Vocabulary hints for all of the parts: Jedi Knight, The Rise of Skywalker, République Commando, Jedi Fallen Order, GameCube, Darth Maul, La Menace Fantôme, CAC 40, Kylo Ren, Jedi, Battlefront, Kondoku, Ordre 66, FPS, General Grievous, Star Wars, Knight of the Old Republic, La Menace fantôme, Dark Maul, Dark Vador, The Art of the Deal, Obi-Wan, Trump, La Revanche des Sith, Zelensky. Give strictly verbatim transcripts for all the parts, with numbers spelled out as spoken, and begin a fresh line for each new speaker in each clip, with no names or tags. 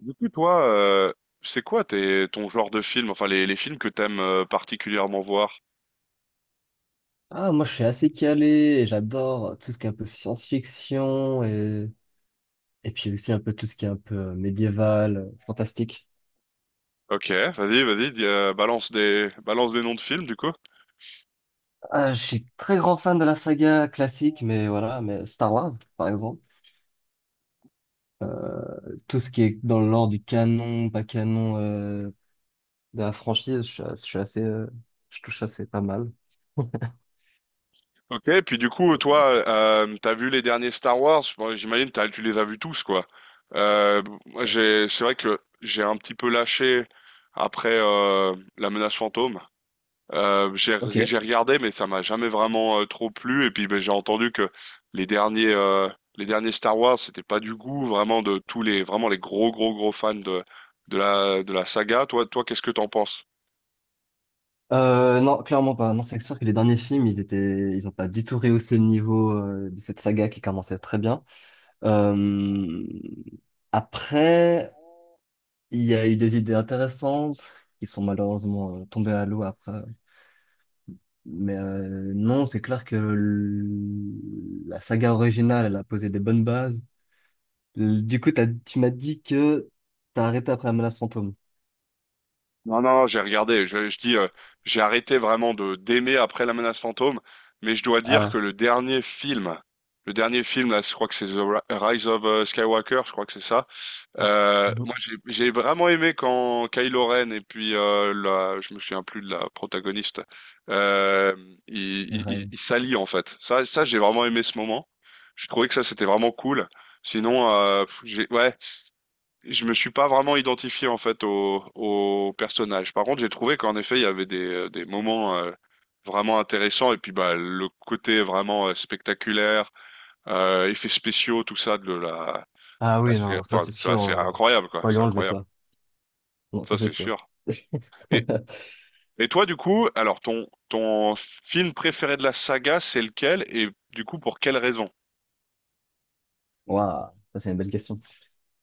Du coup, toi, euh, c'est quoi tes, ton genre de film, enfin les, les films que t'aimes, euh, particulièrement voir?
Ah, moi, je suis assez calé et j'adore tout ce qui est un peu science-fiction et, et puis aussi un peu tout ce qui est un peu euh, médiéval, euh, fantastique.
Ok, vas-y, vas-y, dis, euh, balance des, balance des noms de films du coup.
Ah, je suis très grand fan de la saga classique, mais voilà, mais Star Wars, par exemple. Tout ce qui est dans l'ordre du canon, pas canon euh, de la franchise, je, suis je suis assez, euh, je touche assez pas mal.
Ok, puis du coup, toi, euh, t'as vu les derniers Star Wars? Bon, j'imagine t'as, tu les as vus tous, quoi. Euh, moi, j'ai, c'est vrai que j'ai un petit peu lâché après, euh, La Menace Fantôme. Euh, j'ai
Ok.
re- j'ai regardé, mais ça m'a jamais vraiment, euh, trop plu. Et puis ben, j'ai entendu que les derniers euh, les derniers Star Wars, c'était pas du goût vraiment de tous les vraiment les gros gros gros fans de de la de la saga. Toi toi qu'est-ce que t'en penses?
Euh, non, clairement pas. Non, c'est sûr que les derniers films, ils étaient, ils ont pas du tout rehaussé le niveau euh, de cette saga qui commençait très bien. Euh, après, il y a eu des idées intéressantes qui sont malheureusement euh, tombées à l'eau après. Mais euh, non, c'est clair que l- la saga originale, elle a posé des bonnes bases. L- Du coup, t'as- tu m'as dit que t'as arrêté après La Menace Fantôme.
Non non, non, j'ai regardé. Je, je dis, euh, j'ai arrêté vraiment de d'aimer après La Menace Fantôme, mais je dois dire
Ah,
que le dernier film le dernier film là, je crois que c'est The Ri- Rise of, euh, Skywalker, je crois que c'est ça. Euh, moi,
mhm.
j'ai j'ai vraiment aimé quand Kylo Ren et puis, euh, la, je me souviens plus de la protagoniste, euh, ils ils- ils-
Ouais.
ils s'allient en fait. Ça, ça, j'ai vraiment aimé ce moment. Je trouvais que ça, c'était vraiment cool. Sinon, euh, pff, j'ai, ouais, je me suis pas vraiment identifié en fait au, au personnage. Par contre, j'ai trouvé qu'en effet, il y avait des, des moments, euh, vraiment intéressants, et puis bah le côté vraiment, euh, spectaculaire, euh, effets spéciaux, tout ça de la,
Ah
la
oui,
sé-
non, ça
enfin,
c'est
tu vois,
sûr.
c'est
euh,
incroyable, quoi,
On va lui
c'est
enlever
incroyable.
ça. Non,
Ça,
ça c'est
c'est
sûr.
sûr. Et, et toi, du coup, alors ton, ton film préféré de la saga, c'est lequel? Et du coup, pour quelle raison?
Waouh, ça c'est une belle question.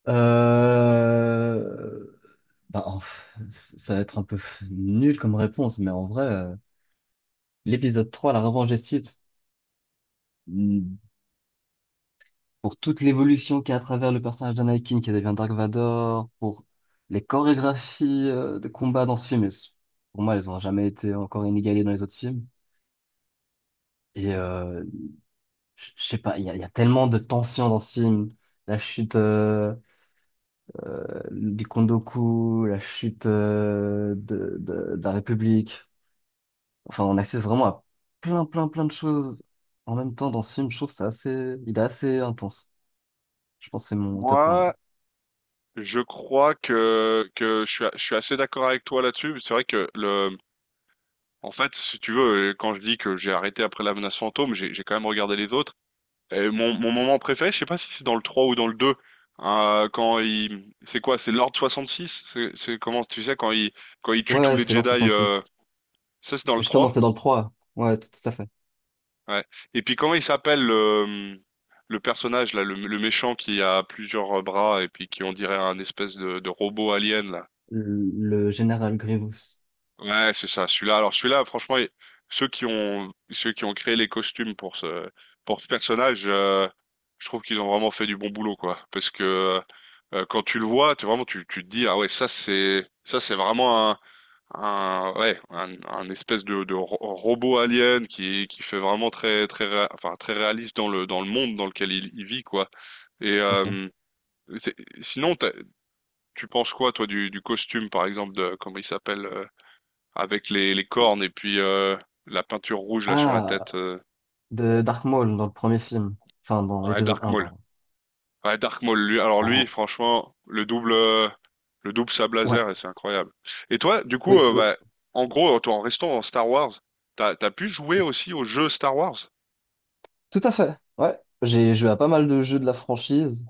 Euh, Bah, en ça va être un peu nul comme réponse, mais en vrai, euh, l'épisode trois La Revanche des Sith, mm, pour toute l'évolution qu'il y a à travers le personnage d'Anakin qui devient Dark Vador, pour les chorégraphies euh, de combat dans ce film, elles pour moi, elles ont jamais été encore inégalées dans les autres films. Et euh, je je sais pas, il y a, il y a tellement de tensions dans ce film. La chute euh, euh, du Kondoku, la chute euh, de, de, de la République. Enfin, on assiste vraiment à plein, plein, plein de choses en même temps dans ce film. Je trouve que c'est assez, il est assez intense. Je pense que c'est mon top un.
Moi, je crois que, que je suis, a- je suis assez d'accord avec toi là-dessus. C'est vrai que le, en fait, si tu veux, euh, quand je dis que j'ai arrêté après La Menace Fantôme, j'ai, j'ai quand même regardé les autres. Et mon, mon moment préféré, je sais pas si c'est dans le trois ou dans le deux. Hein, quand il, c'est quoi? C'est l'Ordre soixante-six? C'est c'est comment, tu sais, quand il, quand il tue
Ouais,
tous
ouais,
les
c'est l'an
Jedi, euh,
soixante-six.
ça, c'est dans le
Mais justement,
trois.
c'est dans le trois. Ouais, tout, tout à fait.
Ouais. Et puis comment il s'appelle le, le personnage là, le, le méchant qui a plusieurs, euh, bras et puis qui, on dirait un espèce de, de robot alien là.
Le, le général Grievous.
Ouais, c'est ça, celui-là. Alors celui-là, franchement, il- ceux qui ont ceux qui ont créé les costumes pour ce pour ce personnage, euh, je trouve qu'ils ont vraiment fait du bon boulot, quoi. Parce que, euh, quand tu le vois, tu vraiment tu tu te dis ah ouais, ça c'est ça c'est vraiment un un ouais un, un espèce de, de ro- robot alien qui qui fait vraiment très très réa- enfin très réaliste dans le dans le monde dans lequel il, il vit, quoi. Et,
Tout à fait.
euh, c'est- sinon t'as- tu penses quoi toi du, du costume, par exemple, de comment il s'appelle, euh, avec les, les cornes et puis, euh, la peinture rouge là sur la tête.
Ah,
euh.
de Dark Maul dans le premier film. Enfin, dans
Ouais,
l'épisode
Dark
un,
Maul.
pardon.
Ouais, Dark Maul. Lui, alors lui,
Oh,
franchement, le double, euh, le double sabre
ouais.
laser, c'est incroyable. Et toi, du coup,
Oui,
euh,
oui.
bah, en gros, toi, en restant en Star Wars, t'as, t'as pu jouer aussi aux jeux Star Wars?
Tout à fait. Ouais. J'ai joué à pas mal de jeux de la franchise,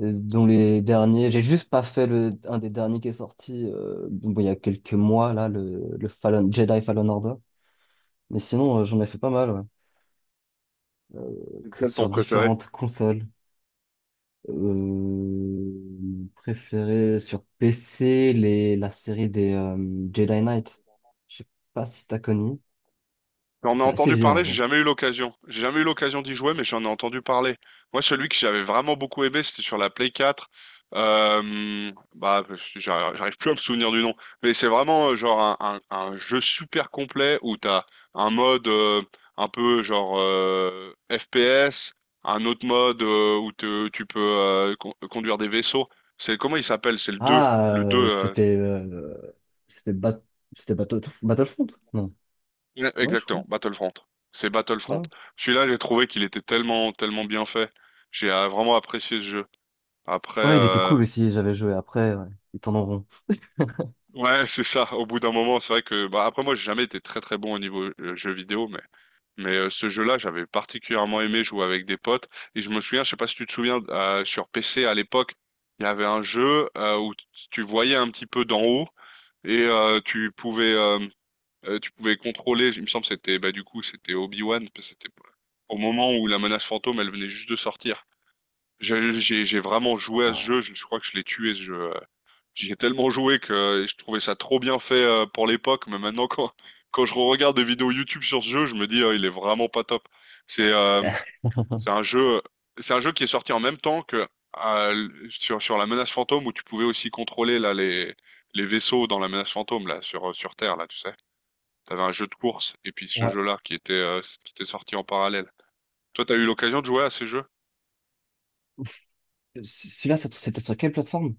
euh, dont les derniers. J'ai juste pas fait le, un des derniers qui est sorti, euh, bon, il y a quelques mois, là, le, le Fallen, Jedi Fallen Order. Mais sinon, euh, j'en ai fait pas mal, ouais. Euh,
C'est
que-
lequel ton
sur
préféré?
différentes consoles. Euh, préféré sur P C, les, la série des euh, Jedi Knight. Je sais pas si t'as connu.
J'en ai
C'est assez
entendu
vieux en
parler, j'ai
vrai.
jamais eu l'occasion. J'ai jamais eu l'occasion d'y jouer, mais j'en ai entendu parler. Moi, celui que j'avais vraiment beaucoup aimé, c'était sur la Play quatre. Euh, bah, j'arrive j'arrive plus à me souvenir du nom, mais c'est vraiment, euh, genre un, un, un jeu super complet où t'as un mode, euh, un peu genre, euh, F P S, un autre mode, euh, où te- tu peux, euh, con- conduire des vaisseaux. C'est comment il s'appelle? C'est le deux.
Ah,
Le deux.
euh,
euh,
c'était euh, c'était Bat- c'était Battle- Battlefront? Non.
Ouais,
Ouais, je crois.
exactement, Battlefront. C'est
Ouais,
Battlefront.
ouais.
Celui-là, j'ai trouvé qu'il était tellement, tellement bien fait. J'ai euh, vraiment apprécié ce jeu. Après,
Ouais, il était
euh,
cool aussi, j'avais joué après, ouais. Ils tournent en rond.
ouais, c'est ça. Au bout d'un moment, c'est vrai que, bah, après moi, j'ai jamais été très, très bon au niveau, euh, jeu vidéo, mais, mais euh, ce jeu-là, j'avais particulièrement aimé jouer avec des potes. Et je me souviens, je sais pas si tu te souviens, euh, sur P C à l'époque, il y avait un jeu, euh, où tu voyais un petit peu d'en haut et, euh, tu pouvais euh, Euh, tu pouvais contrôler, il me semble que c'était bah du coup c'était Obi-Wan parce que c'était au moment où La Menace Fantôme elle venait juste de sortir. J'ai j'ai- j'ai vraiment joué à ce
Ouais.
jeu, je, je crois que je l'ai tué ce jeu. euh. J'y ai tellement joué que, euh, je trouvais ça trop bien fait, euh, pour l'époque, mais maintenant quand quand je regarde des vidéos YouTube sur ce jeu, je me dis, euh, il est vraiment pas top. C'est euh, c'est un jeu c'est un jeu qui est sorti en même temps que, euh, sur sur La Menace Fantôme, où tu pouvais aussi contrôler là les les vaisseaux dans La Menace Fantôme là sur sur Terre là, tu sais. T'avais un jeu de course et puis ce
Ouais.
jeu-là qui était euh, qui était sorti en parallèle. Toi, t'as eu l'occasion de jouer à ces jeux?
C- Celui-là, c'est- c'était sur quelle plateforme?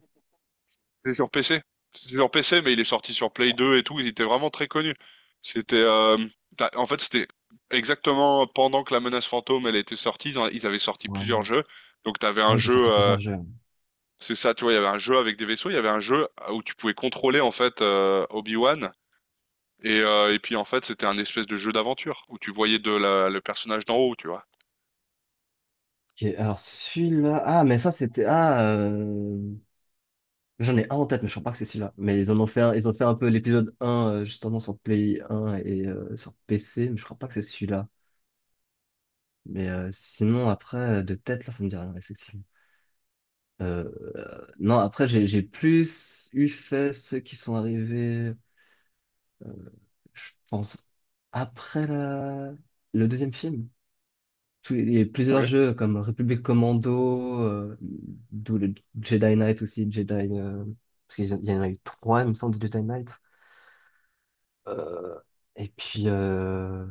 C'est sur P C. C'est sur P C, mais il est sorti sur Play deux et tout. Il était vraiment très connu. C'était, euh, t'as- en fait c'était exactement pendant que La Menace Fantôme elle était sortie. Ils, en- ils avaient sorti plusieurs
Ouais.
jeux. Donc t'avais un
Ouais, ils ont sorti
jeu, euh,
plusieurs jeux.
c'est ça, tu vois, il y avait un jeu avec des vaisseaux. Il y avait un jeu où tu pouvais contrôler en fait, euh, Obi-Wan. Et, euh, et puis en fait c'était un espèce de jeu d'aventure où tu voyais de la- le personnage d'en haut, tu vois.
Ok, alors celui-là. Ah, mais ça, c'était. Ah, euh, j'en ai un en tête, mais je crois pas que c'est celui-là. Mais ils en ont fait un, ils ont fait un peu l'épisode un euh, justement, sur Play un et euh, sur P C, mais je crois pas que c'est celui-là. Mais euh, sinon, après, euh, de tête, là, ça me dit rien, effectivement. Euh, euh, non, après, j'ai j'ai plus eu fait ceux qui sont arrivés. euh, je pense, après la- le deuxième film. Tous les- Il y a
Ok.
plusieurs jeux comme République Commando, euh, d'où le Jedi Knight aussi, Jedi, euh, parce qu'il y en il y en a eu trois, il me semble, de Jedi Knight. Euh, et puis, euh,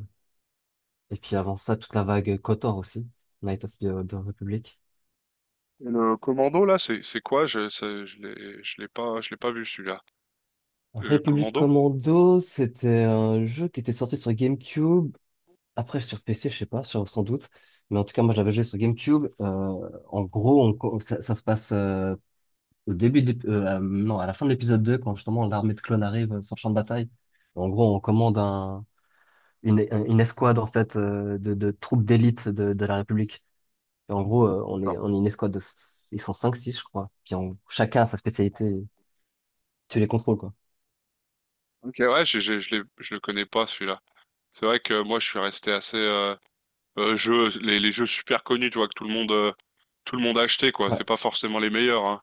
et puis avant ça, toute la vague KOTOR aussi, Knight of the, the Republic.
Et le commando là, c'est c'est quoi? Je ça- je l'ai je l'ai pas je l'ai pas vu celui-là. Le
République
commando?
Commando, c'était un jeu qui était sorti sur GameCube. Après, sur P C, je sais pas, sur- sans doute. Mais en tout cas, moi, j'avais joué sur GameCube. Euh, en gros, on co- ça, ça se passe euh, au début de l'ép- euh, euh, non, à la fin de l'épisode deux quand justement l'armée de clones arrive euh, sur le champ de bataille. En gros, on commande un, une, une escouade, en fait, euh, de, de troupes d'élite de, de la République. Et en gros, euh, on est,
D'accord.
on est une escouade de... s- Ils sont cinq six je crois. Puis on- chacun a sa spécialité. Tu les contrôles, quoi.
Ok, ouais, j'ai- j'ai- je l'ai- je le connais pas celui-là. C'est vrai que moi je suis resté assez, euh, euh, jeux les, les jeux super connus, tu vois, que tout le monde euh, tout le monde a acheté, quoi. C'est
Ouais.
pas forcément les meilleurs, hein.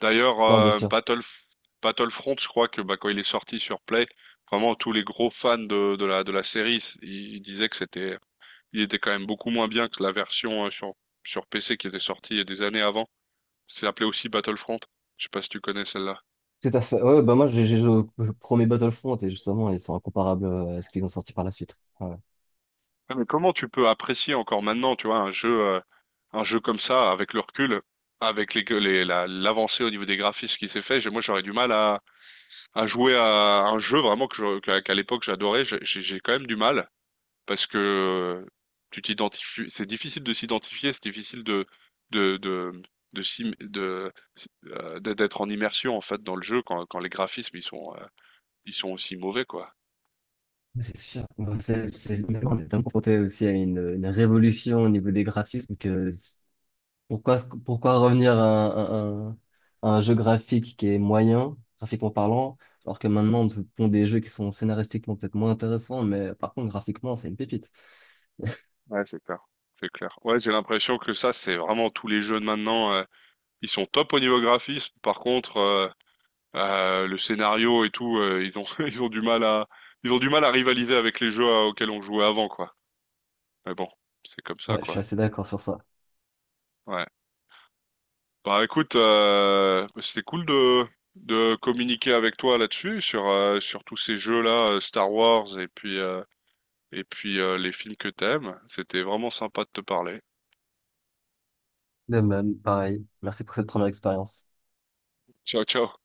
D'ailleurs,
Non, bien
euh,
sûr.
Battle Battlefront, je crois que bah quand il est sorti sur Play, vraiment tous les gros fans de de la de la série, ils, ils disaient que c'était il était quand même beaucoup moins bien que la version, euh, sur sur P C, qui était sortie il y a des années avant. C'est appelé aussi Battlefront. Je sais pas si tu connais celle-là.
Tout à fait. Ouais, ouais, bah moi, j'ai j'ai joué au au premier Battlefront et justement, ils sont incomparables euh, à ce qu'ils ont sorti par la suite. Ouais. Ouais.
Ouais, mais comment tu peux apprécier encore maintenant, tu vois, un jeu, euh, un jeu comme ça, avec le recul, avec les, les- la- l'avancée au niveau des graphismes qui s'est fait, j'ai- moi j'aurais du mal à, à jouer à un jeu vraiment que je- qu'à qu'à l'époque j'adorais, j'ai j'ai- j'ai quand même du mal, parce que, euh, tu t'identifies, c'est difficile de s'identifier, c'est difficile de de de de s'im- de- euh, d'être en immersion en fait dans le jeu, quand, quand les graphismes ils sont, euh, ils sont aussi mauvais, quoi.
C'est sûr. Bon, c'est, c'est- on est tellement confronté aussi à une, une révolution au niveau des graphismes que c'est- pourquoi, pourquoi revenir à un, à un- à un jeu graphique qui est moyen, graphiquement parlant, alors que maintenant on te pond des jeux qui sont scénaristiquement peut-être moins intéressants, mais par contre graphiquement c'est une pépite.
Ouais, c'est clair. C'est clair. Ouais, j'ai l'impression que ça, c'est vraiment tous les jeux de maintenant. euh, Ils sont top au niveau graphisme. Par contre, euh, euh, le scénario et tout, euh, ils ont, ils ont du mal à, ils ont du mal à rivaliser avec les jeux à- auxquels on jouait avant, quoi. Mais bon, c'est comme ça,
Ouais, je suis
quoi.
assez d'accord sur ça.
Ouais. Bah, écoute, euh, c'était cool de, de communiquer avec toi là-dessus, sur, euh, sur tous ces jeux-là, euh, Star Wars et puis, euh, et puis euh, les films que t'aimes. C'était vraiment sympa de te parler.
De même, pareil. Merci pour cette première expérience.
Ciao, ciao.